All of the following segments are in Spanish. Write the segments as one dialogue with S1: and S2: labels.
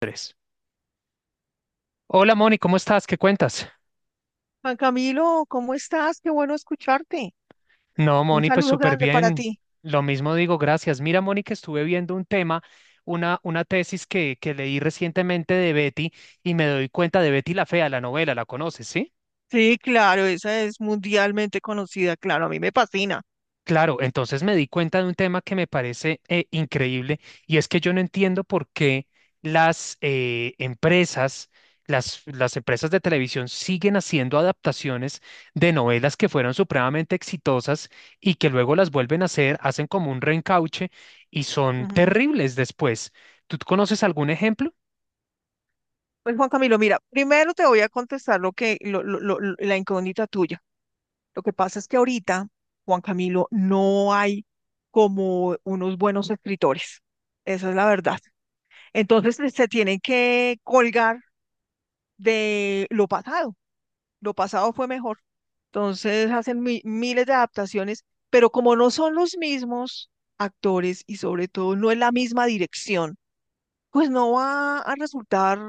S1: Tres. Hola Moni, ¿cómo estás? ¿Qué cuentas?
S2: Juan Camilo, ¿cómo estás? Qué bueno escucharte.
S1: No,
S2: Un
S1: Moni, pues
S2: saludo
S1: súper
S2: grande para
S1: bien.
S2: ti.
S1: Lo mismo digo, gracias. Mira, Moni, que estuve viendo un tema, una tesis que leí recientemente de Betty y me doy cuenta de Betty la Fea, la novela, ¿la conoces, sí?
S2: Sí, claro, esa es mundialmente conocida, claro, a mí me fascina.
S1: Claro, entonces me di cuenta de un tema que me parece increíble y es que yo no entiendo por qué las empresas, las empresas de televisión siguen haciendo adaptaciones de novelas que fueron supremamente exitosas y que luego las vuelven a hacer, hacen como un reencauche y son
S2: Ujú.
S1: terribles después. ¿Tú conoces algún ejemplo?
S2: Pues Juan Camilo, mira, primero te voy a contestar lo que lo- la incógnita tuya. Lo que pasa es que ahorita, Juan Camilo, no hay como unos buenos escritores. Esa es la verdad. Entonces se tienen que colgar de lo pasado. Lo pasado fue mejor. Entonces hacen miles de adaptaciones, pero como no son los mismos actores y sobre todo no es la misma dirección, pues no va a resultar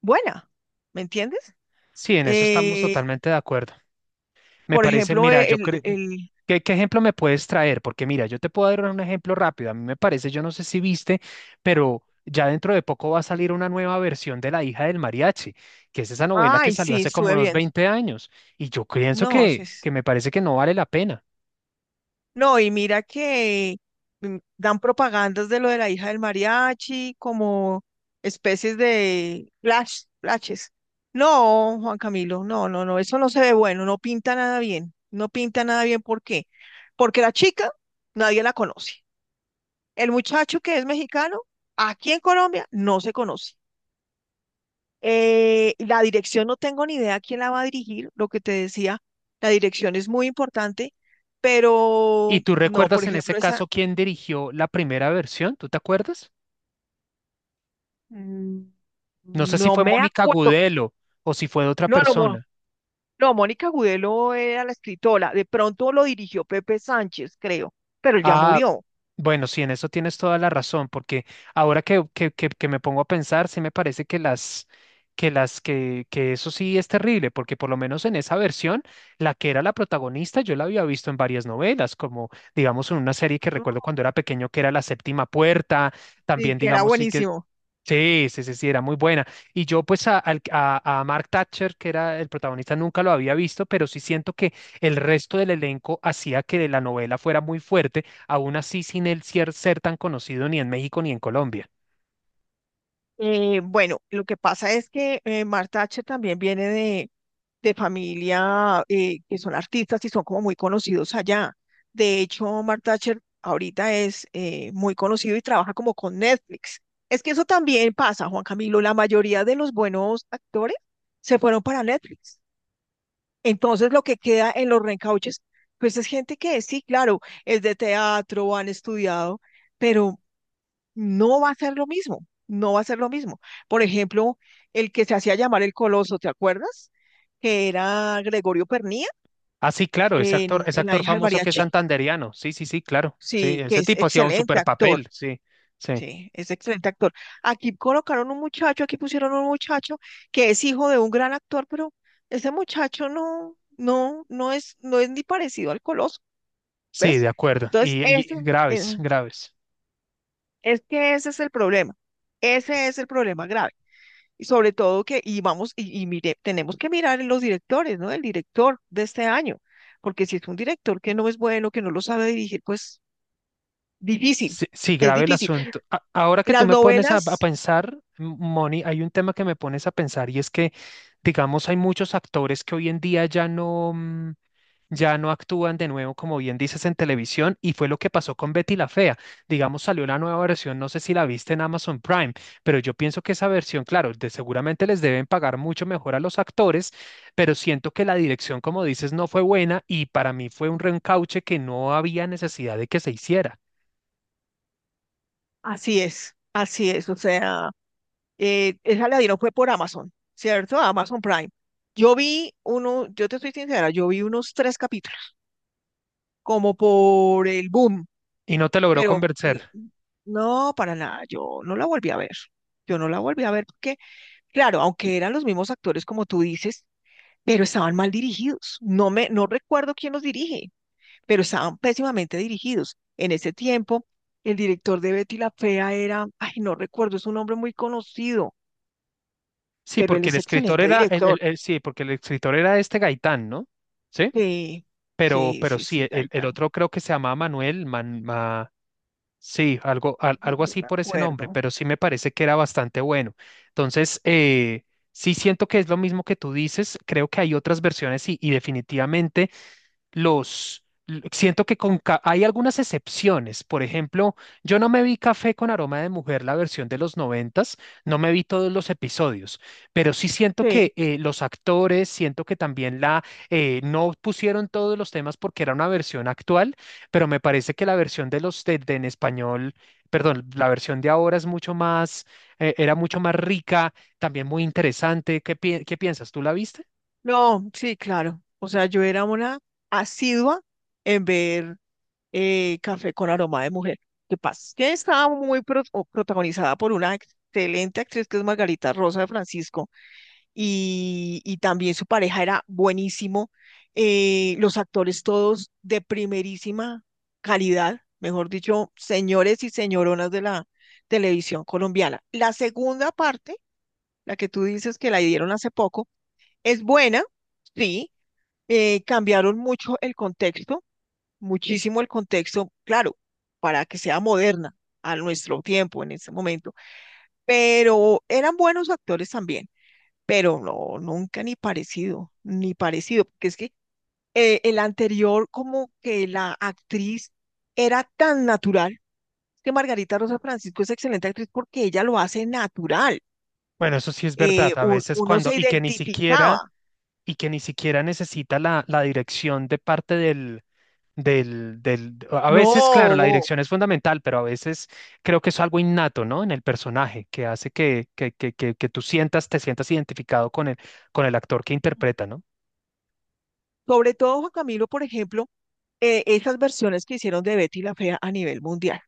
S2: buena, ¿me entiendes?
S1: Sí, en eso estamos
S2: Eh,
S1: totalmente de acuerdo. Me
S2: por
S1: parece,
S2: ejemplo,
S1: mira, yo
S2: el,
S1: creo,
S2: el...
S1: ¿qué ejemplo me puedes traer? Porque mira, yo te puedo dar un ejemplo rápido. A mí me parece, yo no sé si viste, pero ya dentro de poco va a salir una nueva versión de La hija del mariachi, que es esa novela que
S2: Ay,
S1: salió
S2: sí,
S1: hace como
S2: estuve
S1: unos
S2: viendo.
S1: 20 años. Y yo pienso
S2: No, sí,
S1: que me parece que no vale la pena.
S2: no, y mira que dan propagandas de lo de la hija del mariachi, como especies de flash, flashes. No, Juan Camilo, no, no, no, eso no se ve bueno, no pinta nada bien, no pinta nada bien, ¿por qué? Porque la chica nadie la conoce. El muchacho que es mexicano, aquí en Colombia, no se conoce. La dirección no tengo ni idea quién la va a dirigir, lo que te decía, la dirección es muy importante,
S1: ¿Y
S2: pero
S1: tú
S2: no, por
S1: recuerdas en ese
S2: ejemplo, esa...
S1: caso quién dirigió la primera versión? ¿Tú te acuerdas?
S2: Mm,
S1: No sé si
S2: no
S1: fue
S2: me
S1: Mónica
S2: acuerdo.
S1: Gudelo o si fue de otra
S2: No, no, Mo-
S1: persona.
S2: no, Mónica Gudelo era la escritora. De pronto lo dirigió Pepe Sánchez, creo, pero él ya
S1: Ah,
S2: murió.
S1: bueno, sí, en eso tienes toda la razón, porque ahora que me pongo a pensar, sí me parece que eso sí es terrible, porque por lo menos en esa versión, la que era la protagonista, yo la había visto en varias novelas, como digamos en una serie que recuerdo cuando
S2: Claro.
S1: era pequeño que era La Séptima Puerta,
S2: Sí,
S1: también
S2: que era
S1: digamos
S2: buenísimo.
S1: Sí, sí, sí, sí, era muy buena. Y yo pues a Mark Thatcher, que era el protagonista, nunca lo había visto, pero sí siento que el resto del elenco hacía que la novela fuera muy fuerte aún así sin él ser tan conocido ni en México ni en Colombia.
S2: Bueno, lo que pasa es que Marta Thatcher también viene de familia que son artistas y son como muy conocidos allá. De hecho, Mark Thatcher ahorita es muy conocido y trabaja como con Netflix. Es que eso también pasa, Juan Camilo. La mayoría de los buenos actores se fueron para Netflix. Entonces, lo que queda en los reencauches, pues es gente que sí, claro, es de teatro, han estudiado, pero no va a ser lo mismo, no va a ser lo mismo. Por ejemplo, el que se hacía llamar el Coloso, ¿te acuerdas? Que era Gregorio Pernía
S1: Ah, sí, claro, ese
S2: en La
S1: actor
S2: hija del
S1: famoso que es
S2: mariachi.
S1: santanderiano. Sí, sí, sí, claro. Sí,
S2: Sí, que
S1: ese
S2: es
S1: tipo hacía un
S2: excelente
S1: super
S2: actor.
S1: papel. Sí, sí,
S2: Sí, es excelente actor. Aquí colocaron un muchacho, aquí pusieron un muchacho que es hijo de un gran actor, pero ese muchacho no, no, no es, no es ni parecido al Coloso,
S1: sí, de
S2: ¿ves?
S1: acuerdo.
S2: Entonces,
S1: Y,
S2: ese,
S1: y
S2: eh,
S1: graves, graves.
S2: es que ese es el problema. Ese es el problema grave. Y sobre todo que, y vamos, y mire, tenemos que mirar en los directores, ¿no? El director de este año, porque si es un director que no es bueno, que no lo sabe dirigir, pues difícil,
S1: Sí, sí,
S2: es
S1: grave el
S2: difícil.
S1: asunto. Ahora que tú
S2: Las
S1: me pones a
S2: novelas,
S1: pensar, Moni, hay un tema que me pones a pensar y es que, digamos, hay muchos actores que hoy en día ya no actúan de nuevo, como bien dices, en televisión, y fue lo que pasó con Betty la Fea. Digamos, salió la nueva versión, no sé si la viste en Amazon Prime, pero yo pienso que esa versión, claro, seguramente les deben pagar mucho mejor a los actores, pero siento que la dirección, como dices, no fue buena y para mí fue un reencauche que no había necesidad de que se hiciera
S2: así es, o sea, esa la dieron fue por Amazon, ¿cierto? Amazon Prime. Yo vi uno, yo te estoy sincera, yo vi unos tres capítulos, como por el boom,
S1: y no te logró
S2: pero
S1: convencer.
S2: no, para nada, yo no la volví a ver. Yo no la volví a ver porque claro, aunque eran los mismos actores como tú dices, pero estaban mal dirigidos. No me, no recuerdo quién los dirige, pero estaban pésimamente dirigidos. En ese tiempo, el director de Betty la Fea era, ay, no recuerdo, es un hombre muy conocido,
S1: Sí,
S2: pero él
S1: porque el
S2: es
S1: escritor
S2: excelente
S1: era,
S2: director.
S1: porque el escritor era este Gaitán, ¿no? Sí,
S2: Sí,
S1: pero,
S2: sí,
S1: pero
S2: sí,
S1: sí,
S2: sí,
S1: el
S2: Gaitán.
S1: otro creo que se llamaba Manuel, sí,
S2: Ay,
S1: algo
S2: no
S1: así
S2: me
S1: por ese nombre,
S2: acuerdo.
S1: pero sí me parece que era bastante bueno. Entonces, sí siento que es lo mismo que tú dices, creo que hay otras versiones y definitivamente siento que hay algunas excepciones. Por ejemplo, yo no me vi Café con aroma de mujer, la versión de los 90, no me vi todos los episodios, pero sí siento
S2: Sí,
S1: que los actores, siento que también la no pusieron todos los temas porque era una versión actual, pero me parece que la versión de en español, perdón, la versión de ahora es mucho más, era mucho más rica, también muy interesante. ¿Qué, qué piensas? ¿Tú la viste?
S2: no, sí, claro. O sea, yo era una asidua en ver Café con aroma de mujer. ¿Qué pasa? Que estaba muy pro- o protagonizada por una excelente actriz que es Margarita Rosa de Francisco y también su pareja era buenísimo. Los actores todos de primerísima calidad, mejor dicho, señores y señoronas de la televisión colombiana. La segunda parte, la que tú dices que la dieron hace poco, es buena, sí, cambiaron mucho el contexto, muchísimo el contexto, claro, para que sea moderna a nuestro tiempo en ese momento, pero eran buenos actores también, pero no, nunca ni parecido, ni parecido, porque es que el anterior como que la actriz era tan natural, que Margarita Rosa Francisco es excelente actriz porque ella lo hace natural,
S1: Bueno, eso sí es verdad, a veces
S2: uno
S1: cuando,
S2: se identificaba,
S1: y que ni siquiera necesita la dirección de parte del, a veces, claro, la
S2: no,
S1: dirección es fundamental, pero a veces creo que es algo innato, ¿no? En el personaje, que hace que tú sientas, te sientas identificado con el actor que interpreta, ¿no?
S2: sobre todo Juan Camilo, por ejemplo, esas versiones que hicieron de Betty la Fea a nivel mundial.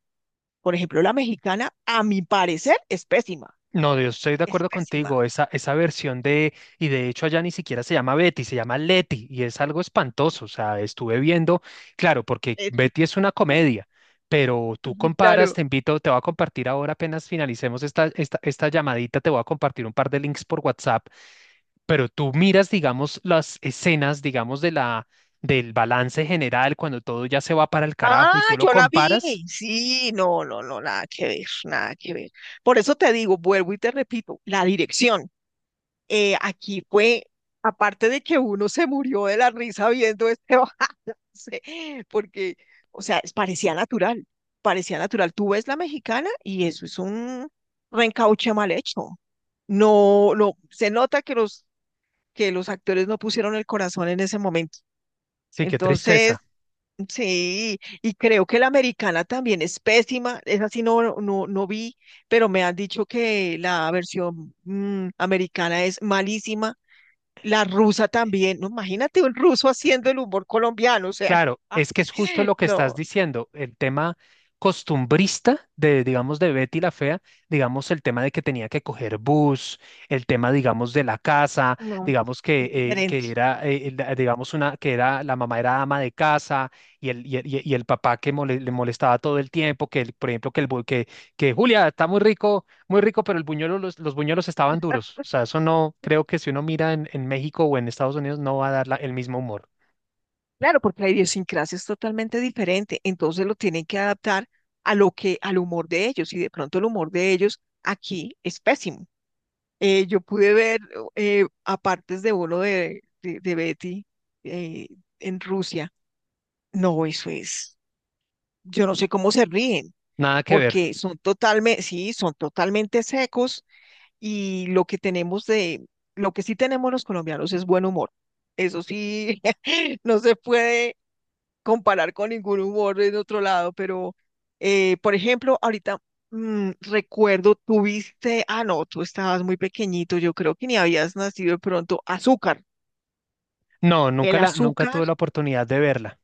S2: Por ejemplo, la mexicana, a mi parecer, es pésima,
S1: No, yo estoy de
S2: es
S1: acuerdo
S2: pésima.
S1: contigo. Esa versión de, y de hecho allá ni siquiera se llama Betty, se llama Letty, y es algo espantoso. O sea, estuve viendo, claro, porque
S2: Leti. Sí,
S1: Betty es una comedia, pero tú comparas,
S2: claro.
S1: te invito, te voy a compartir ahora, apenas finalicemos esta llamadita, te voy a compartir un par de links por WhatsApp. Pero tú miras, digamos, las escenas, digamos, del balance general, cuando todo ya se va para el
S2: Ah,
S1: carajo y tú lo
S2: yo la
S1: comparas,
S2: vi. Sí, no, no, no, nada que ver, nada que ver. Por eso te digo, vuelvo y te repito, la dirección. Aquí fue, aparte de que uno se murió de la risa viendo este balance, porque, o sea, parecía natural, parecía natural. Tú ves la mexicana y eso es un reencauche mal hecho. No, no, se nota que los actores no pusieron el corazón en ese momento.
S1: sí, qué
S2: Entonces,
S1: tristeza.
S2: sí, y creo que la americana también es pésima, esa sí no, no, no vi, pero me han dicho que la versión americana es malísima. La rusa también, no, imagínate un ruso haciendo el humor colombiano, o sea,
S1: Claro, es que es justo lo que estás
S2: no,
S1: diciendo, el tema costumbrista digamos, de Betty la Fea, digamos, el tema de que tenía que coger bus, el tema, digamos, de la casa,
S2: no,
S1: digamos
S2: es diferente.
S1: que era, digamos, una, que era, la mamá era ama de casa y el papá que le molestaba todo el tiempo, que, por ejemplo, que, el, que Julia está muy rico, pero el buñuelo, los buñuelos estaban duros. O sea, eso no, creo que si uno mira en, México o en Estados Unidos no va a dar el mismo humor.
S2: Claro, porque la idiosincrasia es totalmente diferente, entonces lo tienen que adaptar a lo que, al humor de ellos, y de pronto el humor de ellos aquí es pésimo. Yo pude ver a partes de bolo de Betty eh, en Rusia. No, eso es. Yo no sé cómo se ríen,
S1: Nada que ver.
S2: porque son totalmente, sí, son totalmente secos y lo que tenemos de, lo que sí tenemos los colombianos es buen humor. Eso sí, no se puede comparar con ningún humor de otro lado, pero, por ejemplo, ahorita recuerdo, tuviste, ah, no, tú estabas muy pequeñito, yo creo que ni habías nacido de pronto, azúcar.
S1: No,
S2: El
S1: nunca
S2: azúcar,
S1: tuve la oportunidad de verla.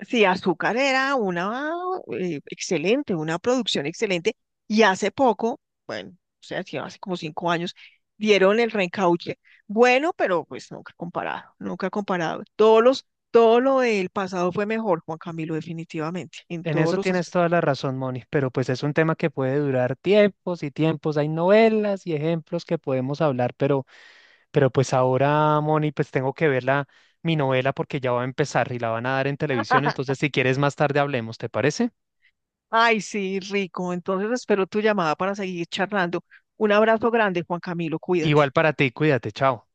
S2: sí, azúcar era una excelente, una producción excelente, y hace poco, bueno, o sea, sí, hace como 5 años, dieron el reencauche. Bueno, pero pues nunca comparado, nunca comparado. Todos los todo lo del pasado fue mejor, Juan Camilo, definitivamente, en
S1: En
S2: todos
S1: eso
S2: los
S1: tienes
S2: aspectos.
S1: toda la razón, Moni, pero pues es un tema que puede durar tiempos y tiempos. Hay novelas y ejemplos que podemos hablar, pero, pues ahora, Moni, pues tengo que ver mi novela porque ya va a empezar y la van a dar en televisión. Entonces, si quieres más tarde hablemos, ¿te parece?
S2: Ay, sí, rico. Entonces espero tu llamada para seguir charlando. Un abrazo grande, Juan Camilo. Cuídate.
S1: Igual para ti, cuídate, chao.